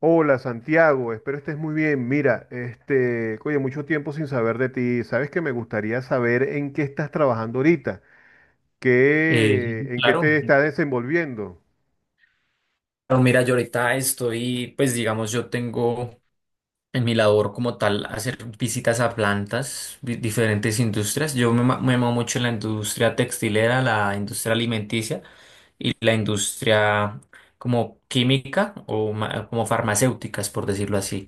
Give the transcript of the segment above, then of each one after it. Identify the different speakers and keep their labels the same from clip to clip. Speaker 1: Hola Santiago, espero estés muy bien. Mira, este, oye, mucho tiempo sin saber de ti. Sabes que me gustaría saber en qué estás trabajando ahorita, en qué te
Speaker 2: Claro,
Speaker 1: estás desenvolviendo.
Speaker 2: Claro, mira, yo ahorita estoy, pues digamos, yo tengo en mi labor como tal hacer visitas a plantas, diferentes industrias. Yo me muevo mucho en la industria textilera, la industria alimenticia y la industria como química o como farmacéuticas, por decirlo así.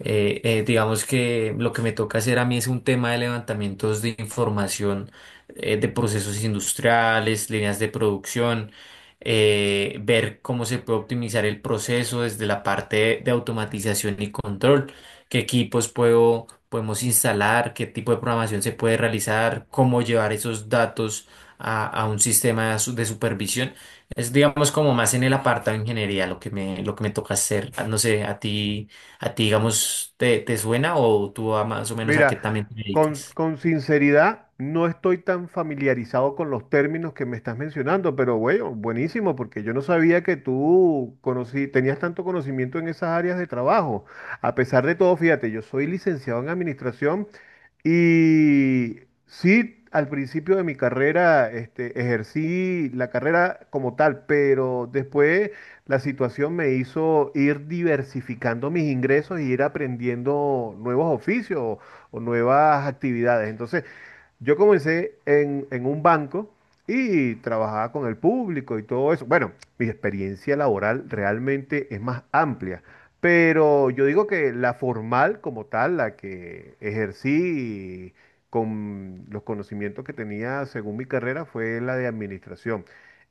Speaker 2: Digamos que lo que me toca hacer a mí es un tema de levantamientos de información de procesos industriales, líneas de producción, ver cómo se puede optimizar el proceso desde la parte de automatización y control, qué equipos podemos instalar, qué tipo de programación se puede realizar, cómo llevar esos datos a un sistema de supervisión. Es, digamos, como más en el apartado de ingeniería lo lo que me toca hacer. No sé, a ti. ¿A ti, digamos, te suena o tú a más o menos a qué
Speaker 1: Mira,
Speaker 2: también te
Speaker 1: con,
Speaker 2: dedicas?
Speaker 1: con sinceridad, no estoy tan familiarizado con los términos que me estás mencionando, pero bueno, buenísimo, porque yo no sabía que tú tenías tanto conocimiento en esas áreas de trabajo. A pesar de todo, fíjate, yo soy licenciado en administración y sí, al principio de mi carrera, este, ejercí la carrera como tal, pero después la situación me hizo ir diversificando mis ingresos y ir aprendiendo nuevos oficios o nuevas actividades. Entonces, yo comencé en un banco y trabajaba con el público y todo eso. Bueno, mi experiencia laboral realmente es más amplia, pero yo digo que la formal como tal, la que ejercí con los conocimientos que tenía según mi carrera, fue la de administración.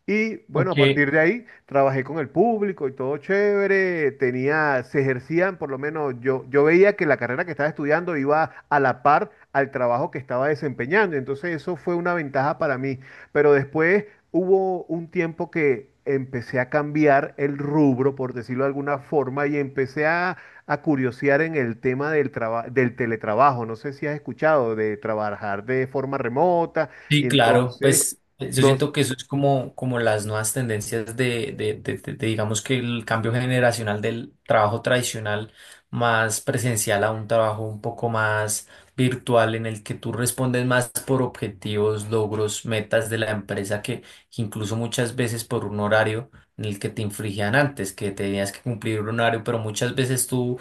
Speaker 1: Y bueno, a
Speaker 2: Aunque
Speaker 1: partir de ahí trabajé con el público y todo chévere, tenía, se ejercían, por lo menos yo, yo veía que la carrera que estaba estudiando iba a la par al trabajo que estaba desempeñando, entonces eso fue una ventaja para mí. Pero después hubo un tiempo que empecé a cambiar el rubro, por decirlo de alguna forma, y empecé a curiosear en el tema del del teletrabajo. No sé si has escuchado de trabajar de forma remota y
Speaker 2: sí, claro,
Speaker 1: entonces...
Speaker 2: pues yo
Speaker 1: Nos,
Speaker 2: siento que eso es como, como las nuevas tendencias de, digamos que el cambio generacional del trabajo tradicional más presencial a un trabajo un poco más virtual en el que tú respondes más por objetivos, logros, metas de la empresa que incluso muchas veces por un horario en el que te infringían antes, que tenías que cumplir un horario, pero muchas veces tú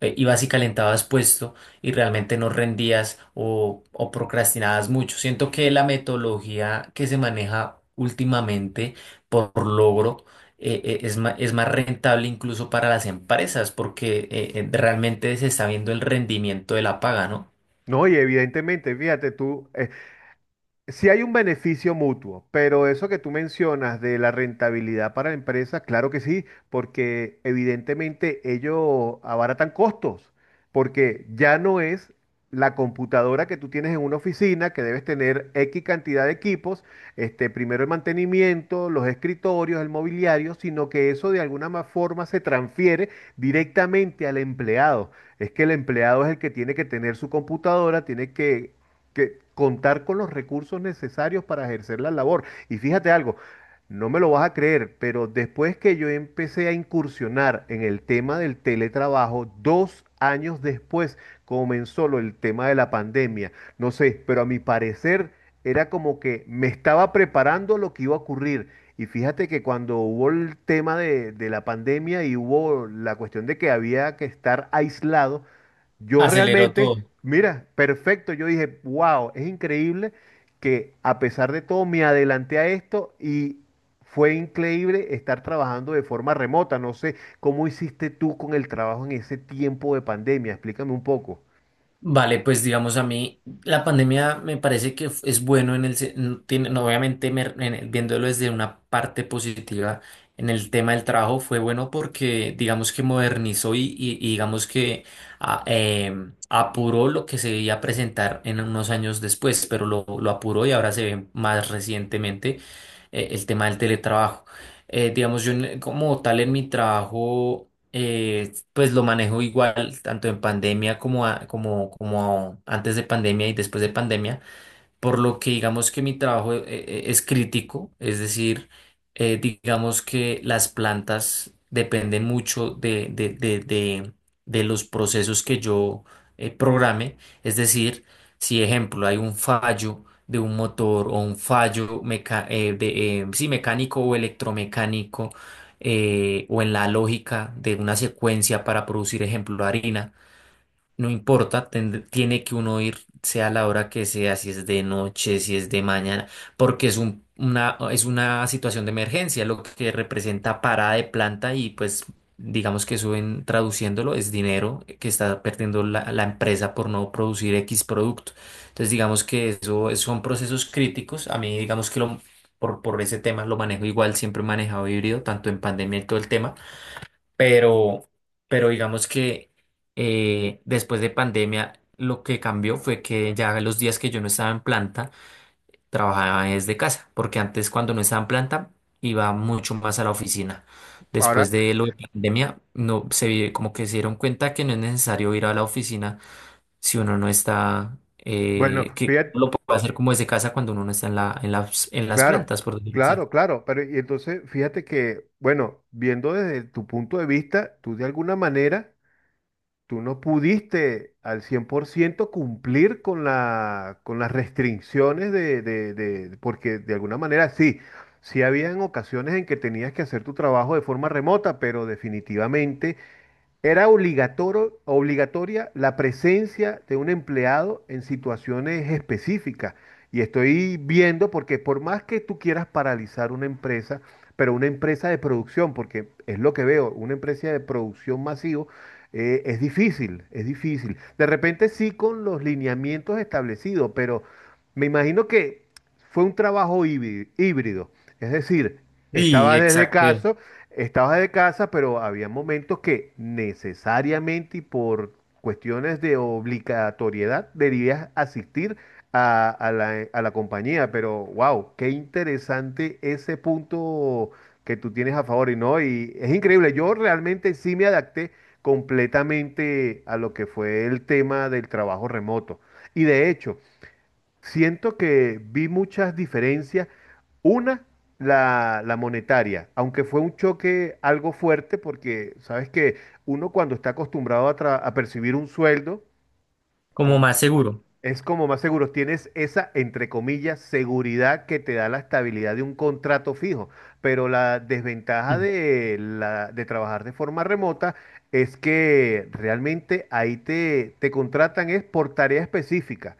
Speaker 2: ibas y calentabas puesto y realmente no rendías o procrastinabas mucho. Siento que la metodología que se maneja últimamente por logro, es es más rentable incluso para las empresas porque realmente se está viendo el rendimiento de la paga, ¿no?
Speaker 1: No, y evidentemente, fíjate tú, si hay un beneficio mutuo, pero eso que tú mencionas de la rentabilidad para la empresa, claro que sí, porque evidentemente ellos abaratan costos, porque ya no es la computadora que tú tienes en una oficina, que debes tener X cantidad de equipos, este, primero el mantenimiento, los escritorios, el mobiliario, sino que eso de alguna forma se transfiere directamente al empleado. Es que el empleado es el que tiene que tener su computadora, tiene que contar con los recursos necesarios para ejercer la labor. Y fíjate algo, no me lo vas a creer, pero después que yo empecé a incursionar en el tema del teletrabajo, dos años después comenzó el tema de la pandemia. No sé, pero a mi parecer era como que me estaba preparando lo que iba a ocurrir. Y fíjate que cuando hubo el tema de la pandemia y hubo la cuestión de que había que estar aislado, yo
Speaker 2: Aceleró
Speaker 1: realmente,
Speaker 2: todo.
Speaker 1: mira, perfecto, yo dije, wow, es increíble que a pesar de todo me adelanté a esto y fue increíble estar trabajando de forma remota. No sé cómo hiciste tú con el trabajo en ese tiempo de pandemia, explícame un poco.
Speaker 2: Vale, pues digamos a mí, la pandemia me parece que es bueno en el, no, obviamente viéndolo desde una parte positiva en el tema del trabajo fue bueno porque digamos que modernizó y digamos que apuró lo que se iba a presentar en unos años después, pero lo apuró y ahora se ve más recientemente, el tema del teletrabajo. Digamos, yo como tal en mi trabajo... pues lo manejo igual, tanto en pandemia como, como antes de pandemia y después de pandemia, por lo que digamos que mi trabajo es crítico, es decir, digamos que las plantas dependen mucho de los procesos que yo, programe, es decir, si ejemplo hay un fallo de un motor o un fallo mecánico o electromecánico, o en la lógica de una secuencia para producir ejemplo harina, no importa, tiene que uno ir, sea la hora que sea, si es de noche, si es de mañana, porque es una situación de emergencia, lo que representa parada de planta y pues digamos que suben traduciéndolo, es dinero que está perdiendo la empresa por no producir X producto. Entonces digamos que son procesos críticos. A mí digamos que lo, por ese tema lo manejo igual, siempre he manejado híbrido, tanto en pandemia y todo el tema. Pero, pero digamos que después de pandemia lo que cambió fue que ya los días que yo no estaba en planta, trabajaba desde casa, porque antes cuando no estaba en planta iba mucho más a la oficina.
Speaker 1: Ahora,
Speaker 2: Después de lo de pandemia, no como que se dieron cuenta que no es necesario ir a la oficina si uno no está,
Speaker 1: bueno,
Speaker 2: que
Speaker 1: fíjate.
Speaker 2: lo puede hacer como desde casa cuando uno no está en en las
Speaker 1: Claro,
Speaker 2: plantas, por decirlo así.
Speaker 1: claro, claro. Pero y entonces, fíjate que, bueno, viendo desde tu punto de vista, tú de alguna manera, tú no pudiste al 100% cumplir con la, con las restricciones porque de alguna manera sí, sí habían ocasiones en que tenías que hacer tu trabajo de forma remota, pero definitivamente era obligatorio, obligatoria la presencia de un empleado en situaciones específicas. Y estoy viendo, porque por más que tú quieras paralizar una empresa, pero una empresa de producción, porque es lo que veo, una empresa de producción masivo, es difícil, es difícil. De repente sí con los lineamientos establecidos, pero me imagino que fue un trabajo híbrido, es decir,
Speaker 2: Sí,
Speaker 1: estabas desde
Speaker 2: exacto.
Speaker 1: casa, estabas de casa, pero había momentos que necesariamente y por cuestiones de obligatoriedad debías asistir a la compañía, pero wow, qué interesante ese punto que tú tienes a favor y no, y es increíble, yo realmente sí me adapté completamente a lo que fue el tema del trabajo remoto. Y de hecho, siento que vi muchas diferencias. Una, la monetaria, aunque fue un choque algo fuerte, porque sabes que uno cuando está acostumbrado a percibir un sueldo,
Speaker 2: Como
Speaker 1: con
Speaker 2: más seguro.
Speaker 1: es como más seguro, tienes esa, entre comillas, seguridad que te da la estabilidad de un contrato fijo, pero la desventaja
Speaker 2: Mm.
Speaker 1: de trabajar de forma remota es que realmente ahí te contratan es por tarea específica.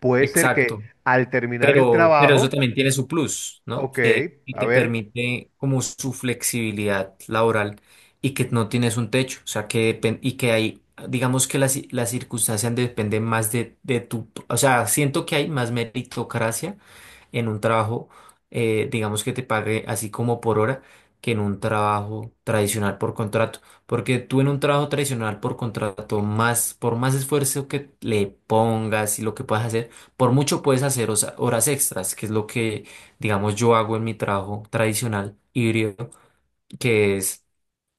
Speaker 1: Puede ser que
Speaker 2: Exacto.
Speaker 1: al terminar el
Speaker 2: Pero eso
Speaker 1: trabajo,
Speaker 2: también tiene su plus, ¿no?
Speaker 1: ok,
Speaker 2: Que y
Speaker 1: a
Speaker 2: te
Speaker 1: ver,
Speaker 2: permite como su flexibilidad laboral y que no tienes un techo, o sea, que y que hay, digamos que las circunstancias dependen más de tu, o sea, siento que hay más meritocracia en un trabajo, digamos que te pague así como por hora, que en un trabajo tradicional por contrato. Porque tú en un trabajo tradicional por contrato, más, por más esfuerzo que le pongas y lo que puedas hacer, por mucho puedes hacer horas extras, que es lo que, digamos, yo hago en mi trabajo tradicional híbrido, que es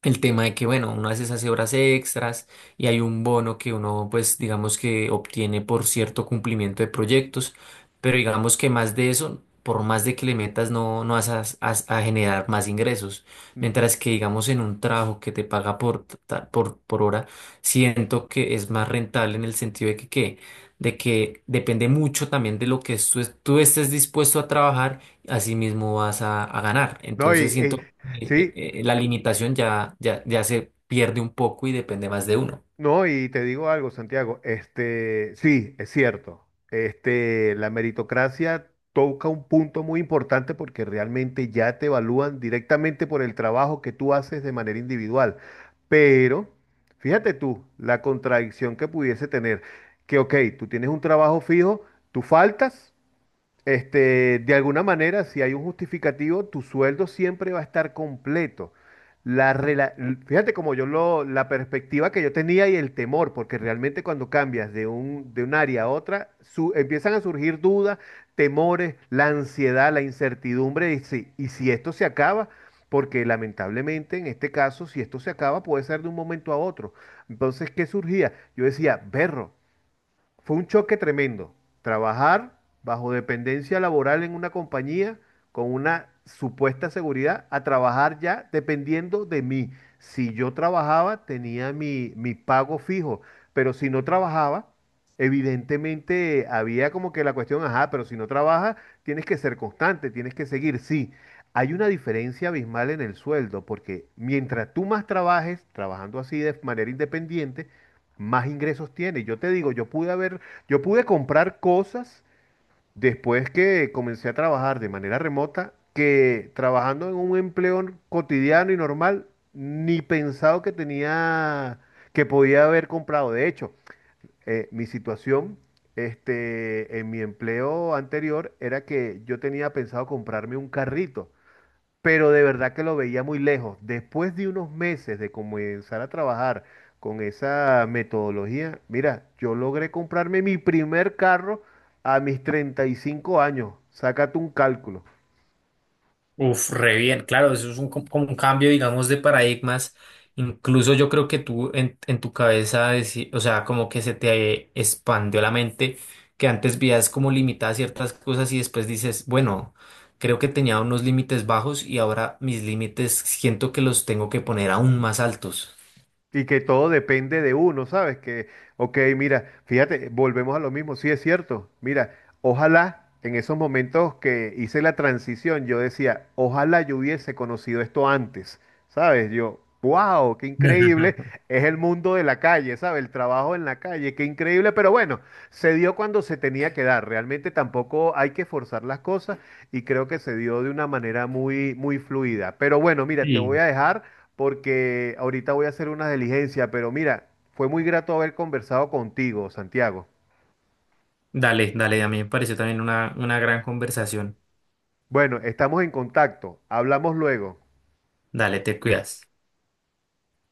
Speaker 2: el tema de que, bueno, uno a veces hace horas extras y hay un bono que uno, pues, digamos que obtiene por cierto cumplimiento de proyectos, pero digamos que más de eso, por más de que le metas, no, no vas a generar más ingresos. Mientras que, digamos, en un trabajo que te paga por hora, siento que es más rentable en el sentido de que, ¿qué? De que depende mucho también de lo que tú, tú estés dispuesto a trabajar, así mismo vas a ganar.
Speaker 1: no,
Speaker 2: Entonces siento eh,
Speaker 1: sí.
Speaker 2: la limitación ya se pierde un poco y depende más de uno.
Speaker 1: No, y te digo algo, Santiago, este, sí, es cierto. Este, la meritocracia toca un punto muy importante porque realmente ya te evalúan directamente por el trabajo que tú haces de manera individual. Pero fíjate tú, la contradicción que pudiese tener, que ok, tú tienes un trabajo fijo, tú faltas. Este, de alguna manera, si hay un justificativo, tu sueldo siempre va a estar completo. Fíjate como yo lo, la perspectiva que yo tenía y el temor, porque realmente cuando cambias de de un área a otra, empiezan a surgir dudas, temores, la ansiedad, la incertidumbre, y si esto se acaba, porque lamentablemente en este caso, si esto se acaba, puede ser de un momento a otro. Entonces, ¿qué surgía? Yo decía, berro. Fue un choque tremendo. Trabajar bajo dependencia laboral en una compañía con una supuesta seguridad a trabajar ya dependiendo de mí. Si yo trabajaba, tenía mi pago fijo, pero si no trabajaba, evidentemente había como que la cuestión, ajá, pero si no trabajas, tienes que ser constante, tienes que seguir. Sí, hay una diferencia abismal en el sueldo, porque mientras tú más trabajes, trabajando así de manera independiente, más ingresos tiene. Yo te digo, yo pude haber, yo pude comprar cosas después que comencé a trabajar de manera remota, que trabajando en un empleo cotidiano y normal, ni pensado que tenía, que podía haber comprado. De hecho, mi situación, este, en mi empleo anterior era que yo tenía pensado comprarme un carrito pero de verdad que lo veía muy lejos. Después de unos meses de comenzar a trabajar con esa metodología, mira, yo logré comprarme mi primer carro a mis 35 años. Sácate un cálculo.
Speaker 2: Uf, re bien, claro, eso es un, como un cambio, digamos, de paradigmas. Incluso yo creo que tú en tu cabeza, o sea, como que se te expandió la mente, que antes veías como limitadas ciertas cosas y después dices, bueno, creo que tenía unos límites bajos y ahora mis límites siento que los tengo que poner aún más altos.
Speaker 1: Y que todo depende de uno, ¿sabes? Que, ok, mira, fíjate, volvemos a lo mismo, sí es cierto, mira, ojalá en esos momentos que hice la transición, yo decía, ojalá yo hubiese conocido esto antes, ¿sabes? Yo, wow, qué increíble, es el mundo de la calle, ¿sabes? El trabajo en la calle, qué increíble, pero bueno, se dio cuando se tenía que dar, realmente tampoco hay que forzar las cosas y creo que se dio de una manera muy, muy fluida. Pero bueno, mira, te voy
Speaker 2: Sí.
Speaker 1: a dejar porque ahorita voy a hacer una diligencia, pero mira, fue muy grato haber conversado contigo, Santiago.
Speaker 2: Dale, dale, a mí me pareció también una gran conversación.
Speaker 1: Bueno, estamos en contacto, hablamos luego.
Speaker 2: Dale, te cuidas.